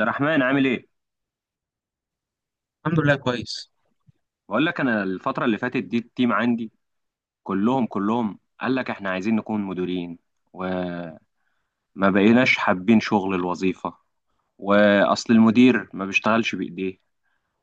عبد الرحمن عامل ايه؟ الحمد لله كويس. بقول لك انا الفترة اللي فاتت دي التيم عندي كلهم قال لك احنا عايزين نكون مديرين، وما بقيناش حابين شغل الوظيفة. واصل المدير ما بيشتغلش بايديه،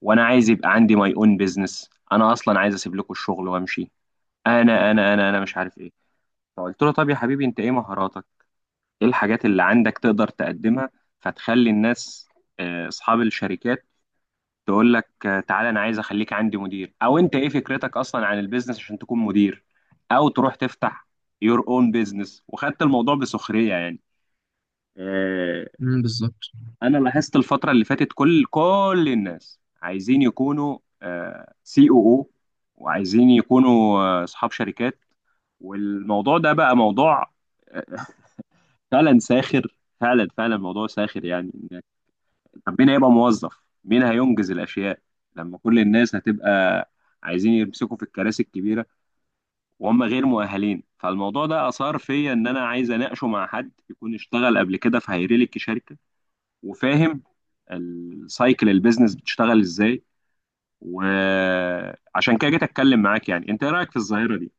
وانا عايز يبقى عندي ماي اون بيزنس. انا اصلا عايز اسيب لكم الشغل وامشي. انا مش عارف ايه. فقلت له طب يا حبيبي انت ايه مهاراتك؟ ايه الحاجات اللي عندك تقدر تقدمها فتخلي الناس، اصحاب الشركات، تقول لك تعالى انا عايز اخليك عندي مدير، او انت ايه فكرتك اصلا عن البيزنس عشان تكون مدير، او تروح تفتح يور اون بيزنس. وخدت الموضوع بسخرية يعني. آه، بالظبط. انا لاحظت الفترة اللي فاتت كل الناس عايزين يكونوا سي او او، وعايزين يكونوا اصحاب شركات. والموضوع ده بقى موضوع آه، فعلا ساخر، فعلا فعلا موضوع ساخر يعني. طب مين هيبقى موظف؟ مين هينجز الاشياء لما كل الناس هتبقى عايزين يمسكوا في الكراسي الكبيره وهم غير مؤهلين؟ فالموضوع ده اثار فيا ان انا عايز اناقشه مع حد يكون اشتغل قبل كده في هيرلك شركه وفاهم السايكل البيزنس بتشتغل ازاي. وعشان كده جيت اتكلم معاك. يعني انت ايه رايك في الظاهره دي؟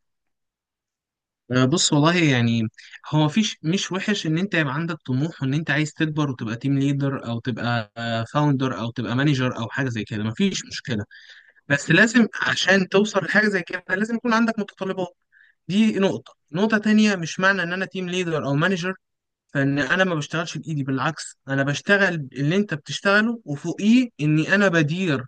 بص، والله يعني هو مفيش، مش وحش ان انت يبقى عندك طموح وان انت عايز تكبر وتبقى تيم ليدر، او تبقى فاوندر، او تبقى مانجر، او حاجه زي كده، مفيش مشكله. بس لازم عشان توصل لحاجه زي كده لازم يكون عندك متطلبات. دي نقطه. نقطه تانية، مش معنى ان انا تيم ليدر او مانجر فان انا ما بشتغلش بايدي، بالعكس انا بشتغل اللي انت بتشتغله وفوقيه اني انا بدير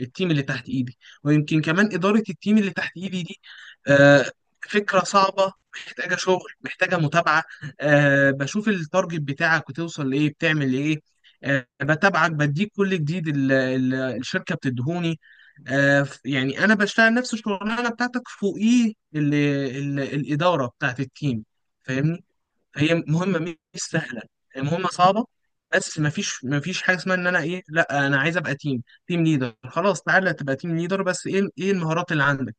التيم اللي تحت ايدي، ويمكن كمان اداره التيم اللي تحت ايدي دي آه، فكره صعبه، محتاجه شغل، محتاجه متابعه. بشوف التارجت بتاعك وتوصل لايه، بتعمل ايه. بتابعك، بديك كل جديد الشركه بتدهوني. يعني انا بشتغل نفس الشغلانه بتاعتك فوقيه الاداره بتاعت التيم، فاهمني. هي مهمه، مش سهله، هي مهمه صعبه. بس ما فيش حاجه اسمها ان انا ايه، لا انا عايز ابقى تيم ليدر، خلاص تعالى تبقى تيم ليدر، بس ايه المهارات اللي عندك.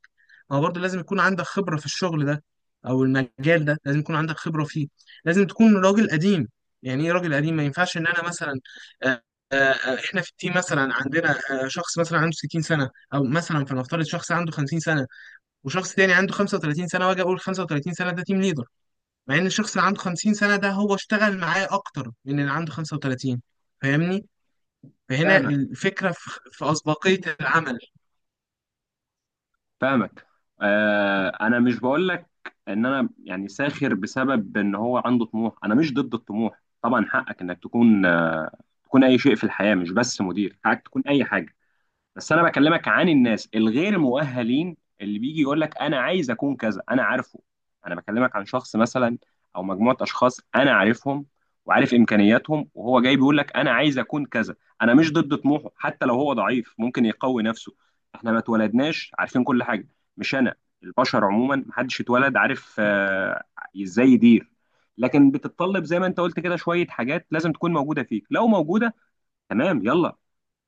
ما هو برضه لازم يكون عندك خبره في الشغل ده، او المجال ده لازم يكون عندك خبره فيه، لازم تكون راجل قديم. يعني ايه راجل قديم؟ ما ينفعش ان انا مثلا، آه، احنا في التيم مثلا عندنا شخص مثلا عنده 60 سنه، او مثلا فلنفترض شخص عنده 50 سنه، وشخص تاني عنده 35 سنه، واجي اقول 35 سنه ده تيم ليدر، مع ان الشخص اللي عنده 50 سنة ده هو اشتغل معاه اكتر من اللي عنده 35، فاهمني. فهنا الفكرة في أسبقية العمل. فاهمك. آه انا مش بقول لك ان انا يعني ساخر بسبب ان هو عنده طموح. انا مش ضد الطموح طبعا، حقك انك تكون آه تكون اي شيء في الحياة، مش بس مدير. حقك تكون اي حاجة. بس انا بكلمك عن الناس الغير مؤهلين اللي بيجي يقول لك انا عايز اكون كذا، انا عارفه. انا بكلمك عن شخص مثلا، او مجموعه اشخاص انا عارفهم وعارف امكانياتهم، وهو جاي بيقول لك انا عايز اكون كذا. انا مش ضد طموحه، حتى لو هو ضعيف ممكن يقوي نفسه. احنا ما اتولدناش عارفين كل حاجه. مش انا، البشر عموما محدش اتولد عارف ازاي يدير. لكن بتتطلب زي ما انت قلت كده شويه حاجات لازم تكون موجوده فيك. لو موجوده، تمام، يلا،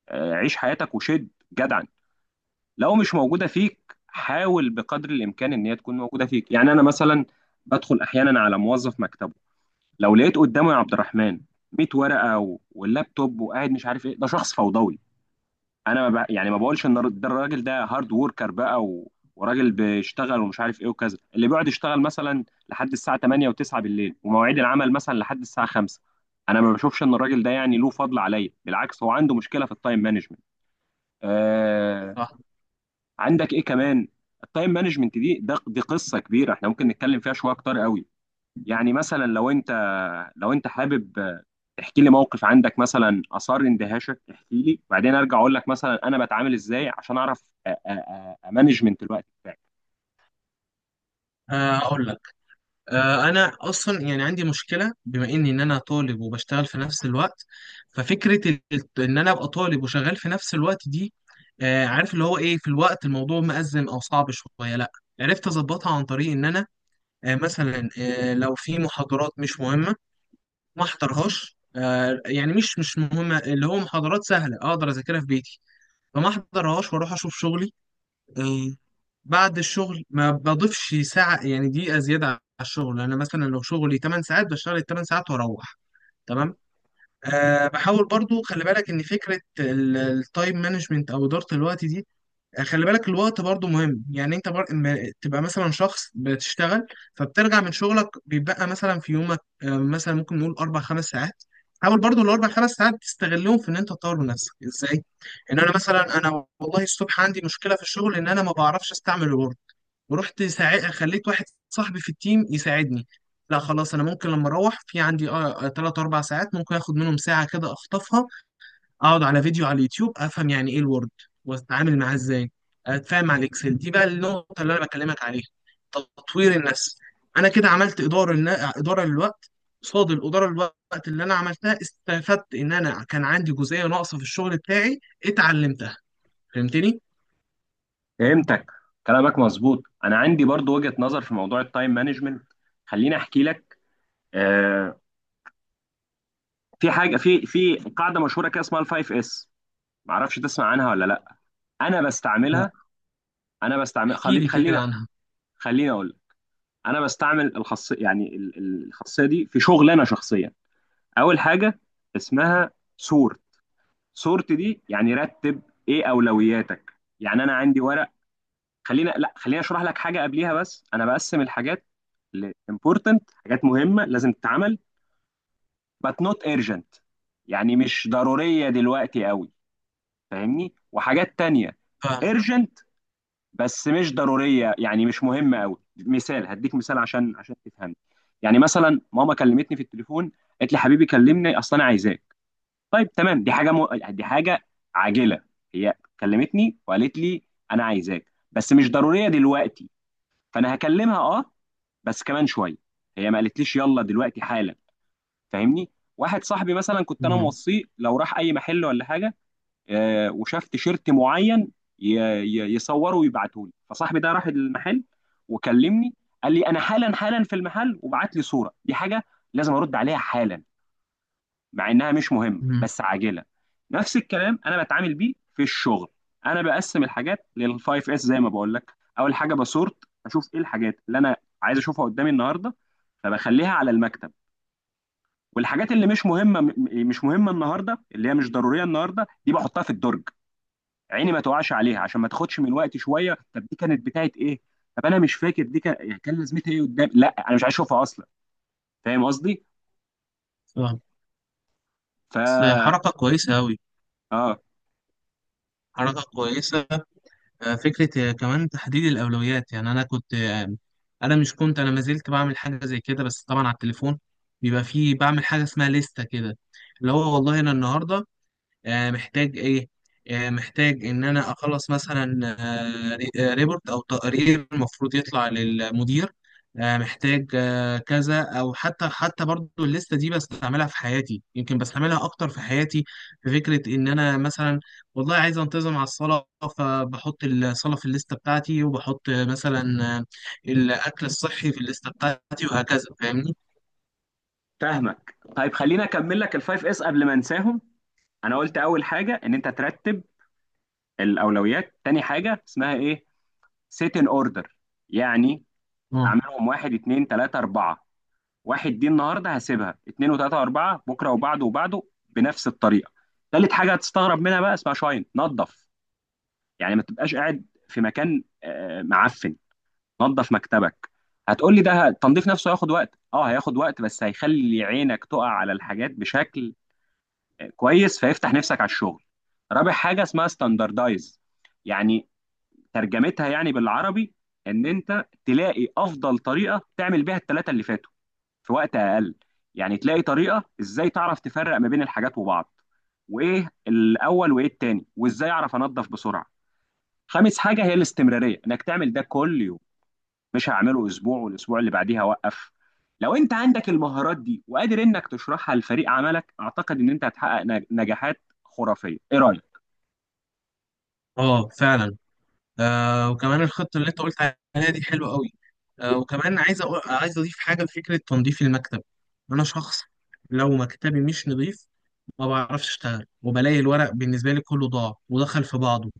عيش حياتك وشد جدعا. لو مش موجودة فيك، حاول بقدر الإمكان إن هي تكون موجودة فيك. يعني أنا مثلا بدخل أحيانا على موظف مكتبه، لو لقيت قدامه يا عبد الرحمن 100 ورقة واللابتوب وقاعد مش عارف إيه، ده شخص فوضوي. أنا ما ب... يعني ما بقولش إن ده الراجل ده هارد وركر بقى، وراجل بيشتغل ومش عارف إيه وكذا، اللي بيقعد يشتغل مثلا لحد الساعة 8 و9 بالليل ومواعيد العمل مثلا لحد الساعة 5، أنا ما بشوفش إن الراجل ده يعني له فضل عليا. بالعكس، هو عنده مشكلة في التايم مانجمنت. صح. عندك ايه كمان؟ التايم مانجمنت دي قصه كبيره احنا ممكن نتكلم فيها شويه اكتر قوي. يعني مثلا لو انت حابب تحكي لي موقف عندك مثلا اثار اندهاشك، احكي لي، وبعدين ارجع اقول لك مثلا انا بتعامل ازاي عشان اعرف امانجمنت الوقت بتاعي. أقول لك، أنا أصلا يعني عندي مشكلة بما إني إن أنا طالب وبشتغل في نفس الوقت. ففكرة إن أنا أبقى طالب وشغال في نفس الوقت دي، عارف اللي هو إيه، في الوقت الموضوع مأزم أو صعب شوية، لأ، عرفت أظبطها عن طريق إن أنا مثلا، لو في محاضرات مش مهمة ما احضرهاش. يعني مش مهمة، اللي هو محاضرات سهلة اقدر اذاكرها في بيتي، فما احضرهاش واروح اشوف شغلي. آه، بعد الشغل ما بضيفش ساعة، يعني دقيقة زيادة على الشغل. انا مثلا لو شغلي 8 ساعات بشتغل ال 8 ساعات واروح، تمام. بحاول برضو خلي بالك ان فكرة التايم مانجمنت او ادارة الوقت دي، خلي بالك الوقت برضو مهم. يعني انت بر... ما- تبقى مثلا شخص بتشتغل، فبترجع من شغلك بيبقى مثلا في يومك مثلا ممكن نقول اربع خمس ساعات. حاول برضو الاربع خمس ساعات تستغلهم في ان انت تطور من نفسك ازاي. ان انا مثلا، انا والله الصبح عندي مشكله في الشغل ان انا ما بعرفش استعمل الوورد، ورحت خليت واحد صاحبي في التيم يساعدني. لا خلاص، انا ممكن لما اروح في عندي 3 4 ساعات، ممكن اخد منهم ساعه كده اخطفها، اقعد على فيديو على اليوتيوب افهم يعني ايه الوورد واتعامل معاه ازاي، اتفاهم مع الاكسل. دي بقى النقطه اللي انا بكلمك عليها، تطوير النفس. انا كده عملت اداره اداره للوقت. قصاد الاداره للوقت اللي انا عملتها استفدت ان انا كان عندي جزئيه ناقصه في الشغل بتاعي، اتعلمتها، فهمتني. فهمتك. كلامك مظبوط. انا عندي برضو وجهة نظر في موضوع التايم مانجمنت، خليني احكي لك. آه، في حاجه، في قاعده مشهوره كده اسمها الفايف اس، معرفش تسمع عنها ولا لا. انا لا، بستعملها. احكي لي كده خليني، عنها. خليني اقول لك. انا بستعمل الخاصيه، يعني الخاصيه دي، في شغل انا شخصيا. اول حاجه اسمها سورت. سورت دي يعني رتب، ايه اولوياتك. يعني انا عندي ورق. خلينا لا خلينا اشرح لك حاجه قبليها. بس انا بقسم الحاجات ل important، حاجات مهمه لازم تتعمل، but not urgent، يعني مش ضروريه دلوقتي قوي، فاهمني. وحاجات تانية فاهم. urgent، بس مش ضروريه، يعني مش مهمه قوي. مثال هديك مثال عشان تفهم. يعني مثلا ماما كلمتني في التليفون، قالت لي حبيبي كلمني اصل انا عايزاك. طيب تمام، دي حاجه عاجله. هي كلمتني وقالت لي انا عايزاك بس مش ضروريه دلوقتي، فانا هكلمها اه، بس كمان شويه. هي ما قالتليش يلا دلوقتي حالا. فاهمني. واحد صاحبي مثلا كنت انا مم. موصيه لو راح اي محل ولا حاجه وشاف تيشيرت معين ي- يصوره ويبعته لي. فصاحبي ده راح المحل وكلمني، قال لي انا حالا حالا في المحل وبعت لي صوره. دي حاجه لازم ارد عليها حالا، مع انها مش مهمه مم. بس عاجله. نفس الكلام انا بتعامل بيه في الشغل. انا بقسم الحاجات للفايف اس زي ما بقول لك. اول حاجه بسورت، اشوف ايه الحاجات اللي انا عايز اشوفها قدامي النهارده، فبخليها على المكتب. والحاجات اللي مش مهمه النهارده، اللي هي مش ضروريه النهارده، دي بحطها في الدرج عيني ما تقعش عليها عشان ما تاخدش من وقتي شويه. طب دي كانت بتاعت ايه؟ طب انا مش فاكر دي كان يعني كان لازمتها ايه قدام، لا انا مش عايز اشوفها اصلا. فاهم قصدي؟ فاهم. ف بس حركه كويسه قوي، اه حركه كويسه. فكرة كمان تحديد الأولويات. يعني أنا كنت، أنا مش كنت، أنا ما زلت بعمل حاجة زي كده بس طبعا على التليفون. بيبقى فيه، بعمل حاجة اسمها لستة كده، اللي هو والله أنا النهاردة محتاج ايه. محتاج ان انا اخلص مثلا ريبورت او تقرير المفروض يطلع للمدير. محتاج كذا، او حتى برضو الليسته دي بستعملها في حياتي، يمكن بستعملها اكتر في حياتي في فكره ان انا مثلا والله عايز انتظم على الصلاه، فبحط الصلاه في الليسته بتاعتي وبحط مثلا آه، الاكل الصحي في الليسته بتاعتي وهكذا، فاهمني. فاهمك. طيب خليني اكمل لك الفايف اس قبل ما انساهم. انا قلت اول حاجه ان انت ترتب الاولويات. تاني حاجه اسمها ايه؟ سيت ان اوردر، يعني اه، اعملهم واحد اتنين تلاته اربعه. واحد دي النهارده هسيبها، اتنين وتلاته واربعه بكره وبعده وبعده بنفس الطريقه. تالت حاجه هتستغرب منها بقى، اسمها شاين، نظف. يعني ما تبقاش قاعد في مكان معفن. نظف مكتبك. هتقول لي ده التنظيف نفسه هياخد وقت. اه هياخد وقت، بس هيخلي عينك تقع على الحاجات بشكل كويس، فيفتح نفسك على الشغل. رابع حاجة اسمها ستاندردايز، يعني ترجمتها يعني بالعربي ان انت تلاقي افضل طريقة تعمل بيها الثلاثة اللي فاتوا في وقت اقل. يعني تلاقي طريقة ازاي تعرف تفرق ما بين الحاجات وبعض، وايه الاول وايه التاني، وازاي اعرف انظف بسرعة. خامس حاجة هي الاستمرارية، انك تعمل ده كل يوم، مش هعمله اسبوع والاسبوع اللي بعديها اوقف. لو انت عندك المهارات دي وقادر انك تشرحها لفريق عملك، اعتقد ان انت هتحقق نجاحات خرافية. ايه رأيك؟ اه، فعلا. وكمان الخطة اللي انت قلت عليها دي حلوة قوي. وكمان عايز عايز اضيف حاجة لفكرة تنظيف المكتب. انا شخص لو مكتبي مش نظيف ما بعرفش اشتغل، وبلاقي الورق بالنسبة لي كله ضاع ودخل في بعضه،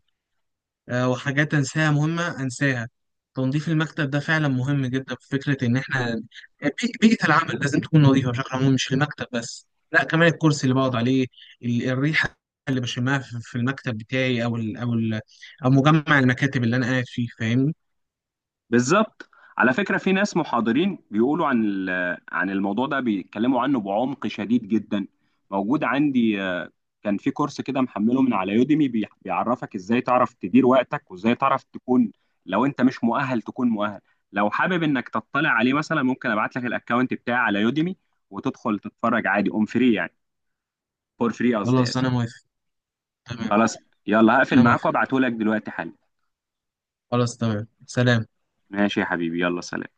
وحاجات أنساها، مهمة أنساها. تنظيف المكتب ده فعلا مهم جدا، في فكرة إن إحنا بيئة العمل لازم تكون نظيفة بشكل عام، مش المكتب بس لا، كمان الكرسي اللي بقعد عليه، الريحة اللي بشمها في المكتب بتاعي، أو ال أو ال أو مجمع المكاتب اللي أنا قاعد فيه، فاهمني. بالظبط. على فكرة في ناس محاضرين بيقولوا عن عن الموضوع ده، بيتكلموا عنه بعمق شديد جدا. موجود عندي، كان في كورس كده محمله من على يوديمي، بيعرفك ازاي تعرف تدير وقتك وازاي تعرف تكون، لو انت مش مؤهل تكون مؤهل. لو حابب انك تطلع عليه مثلا، ممكن ابعت لك الاكونت بتاعي على يوديمي وتدخل تتفرج عادي اون فري، يعني فور فري قصدي، خلاص اسف. أنا موافق. تمام، خلاص، يلا هقفل أنا معاك موافق. وابعته لك دلوقتي حالا. خلاص، تمام، سلام. ماشي يا حبيبي، يلا سلام.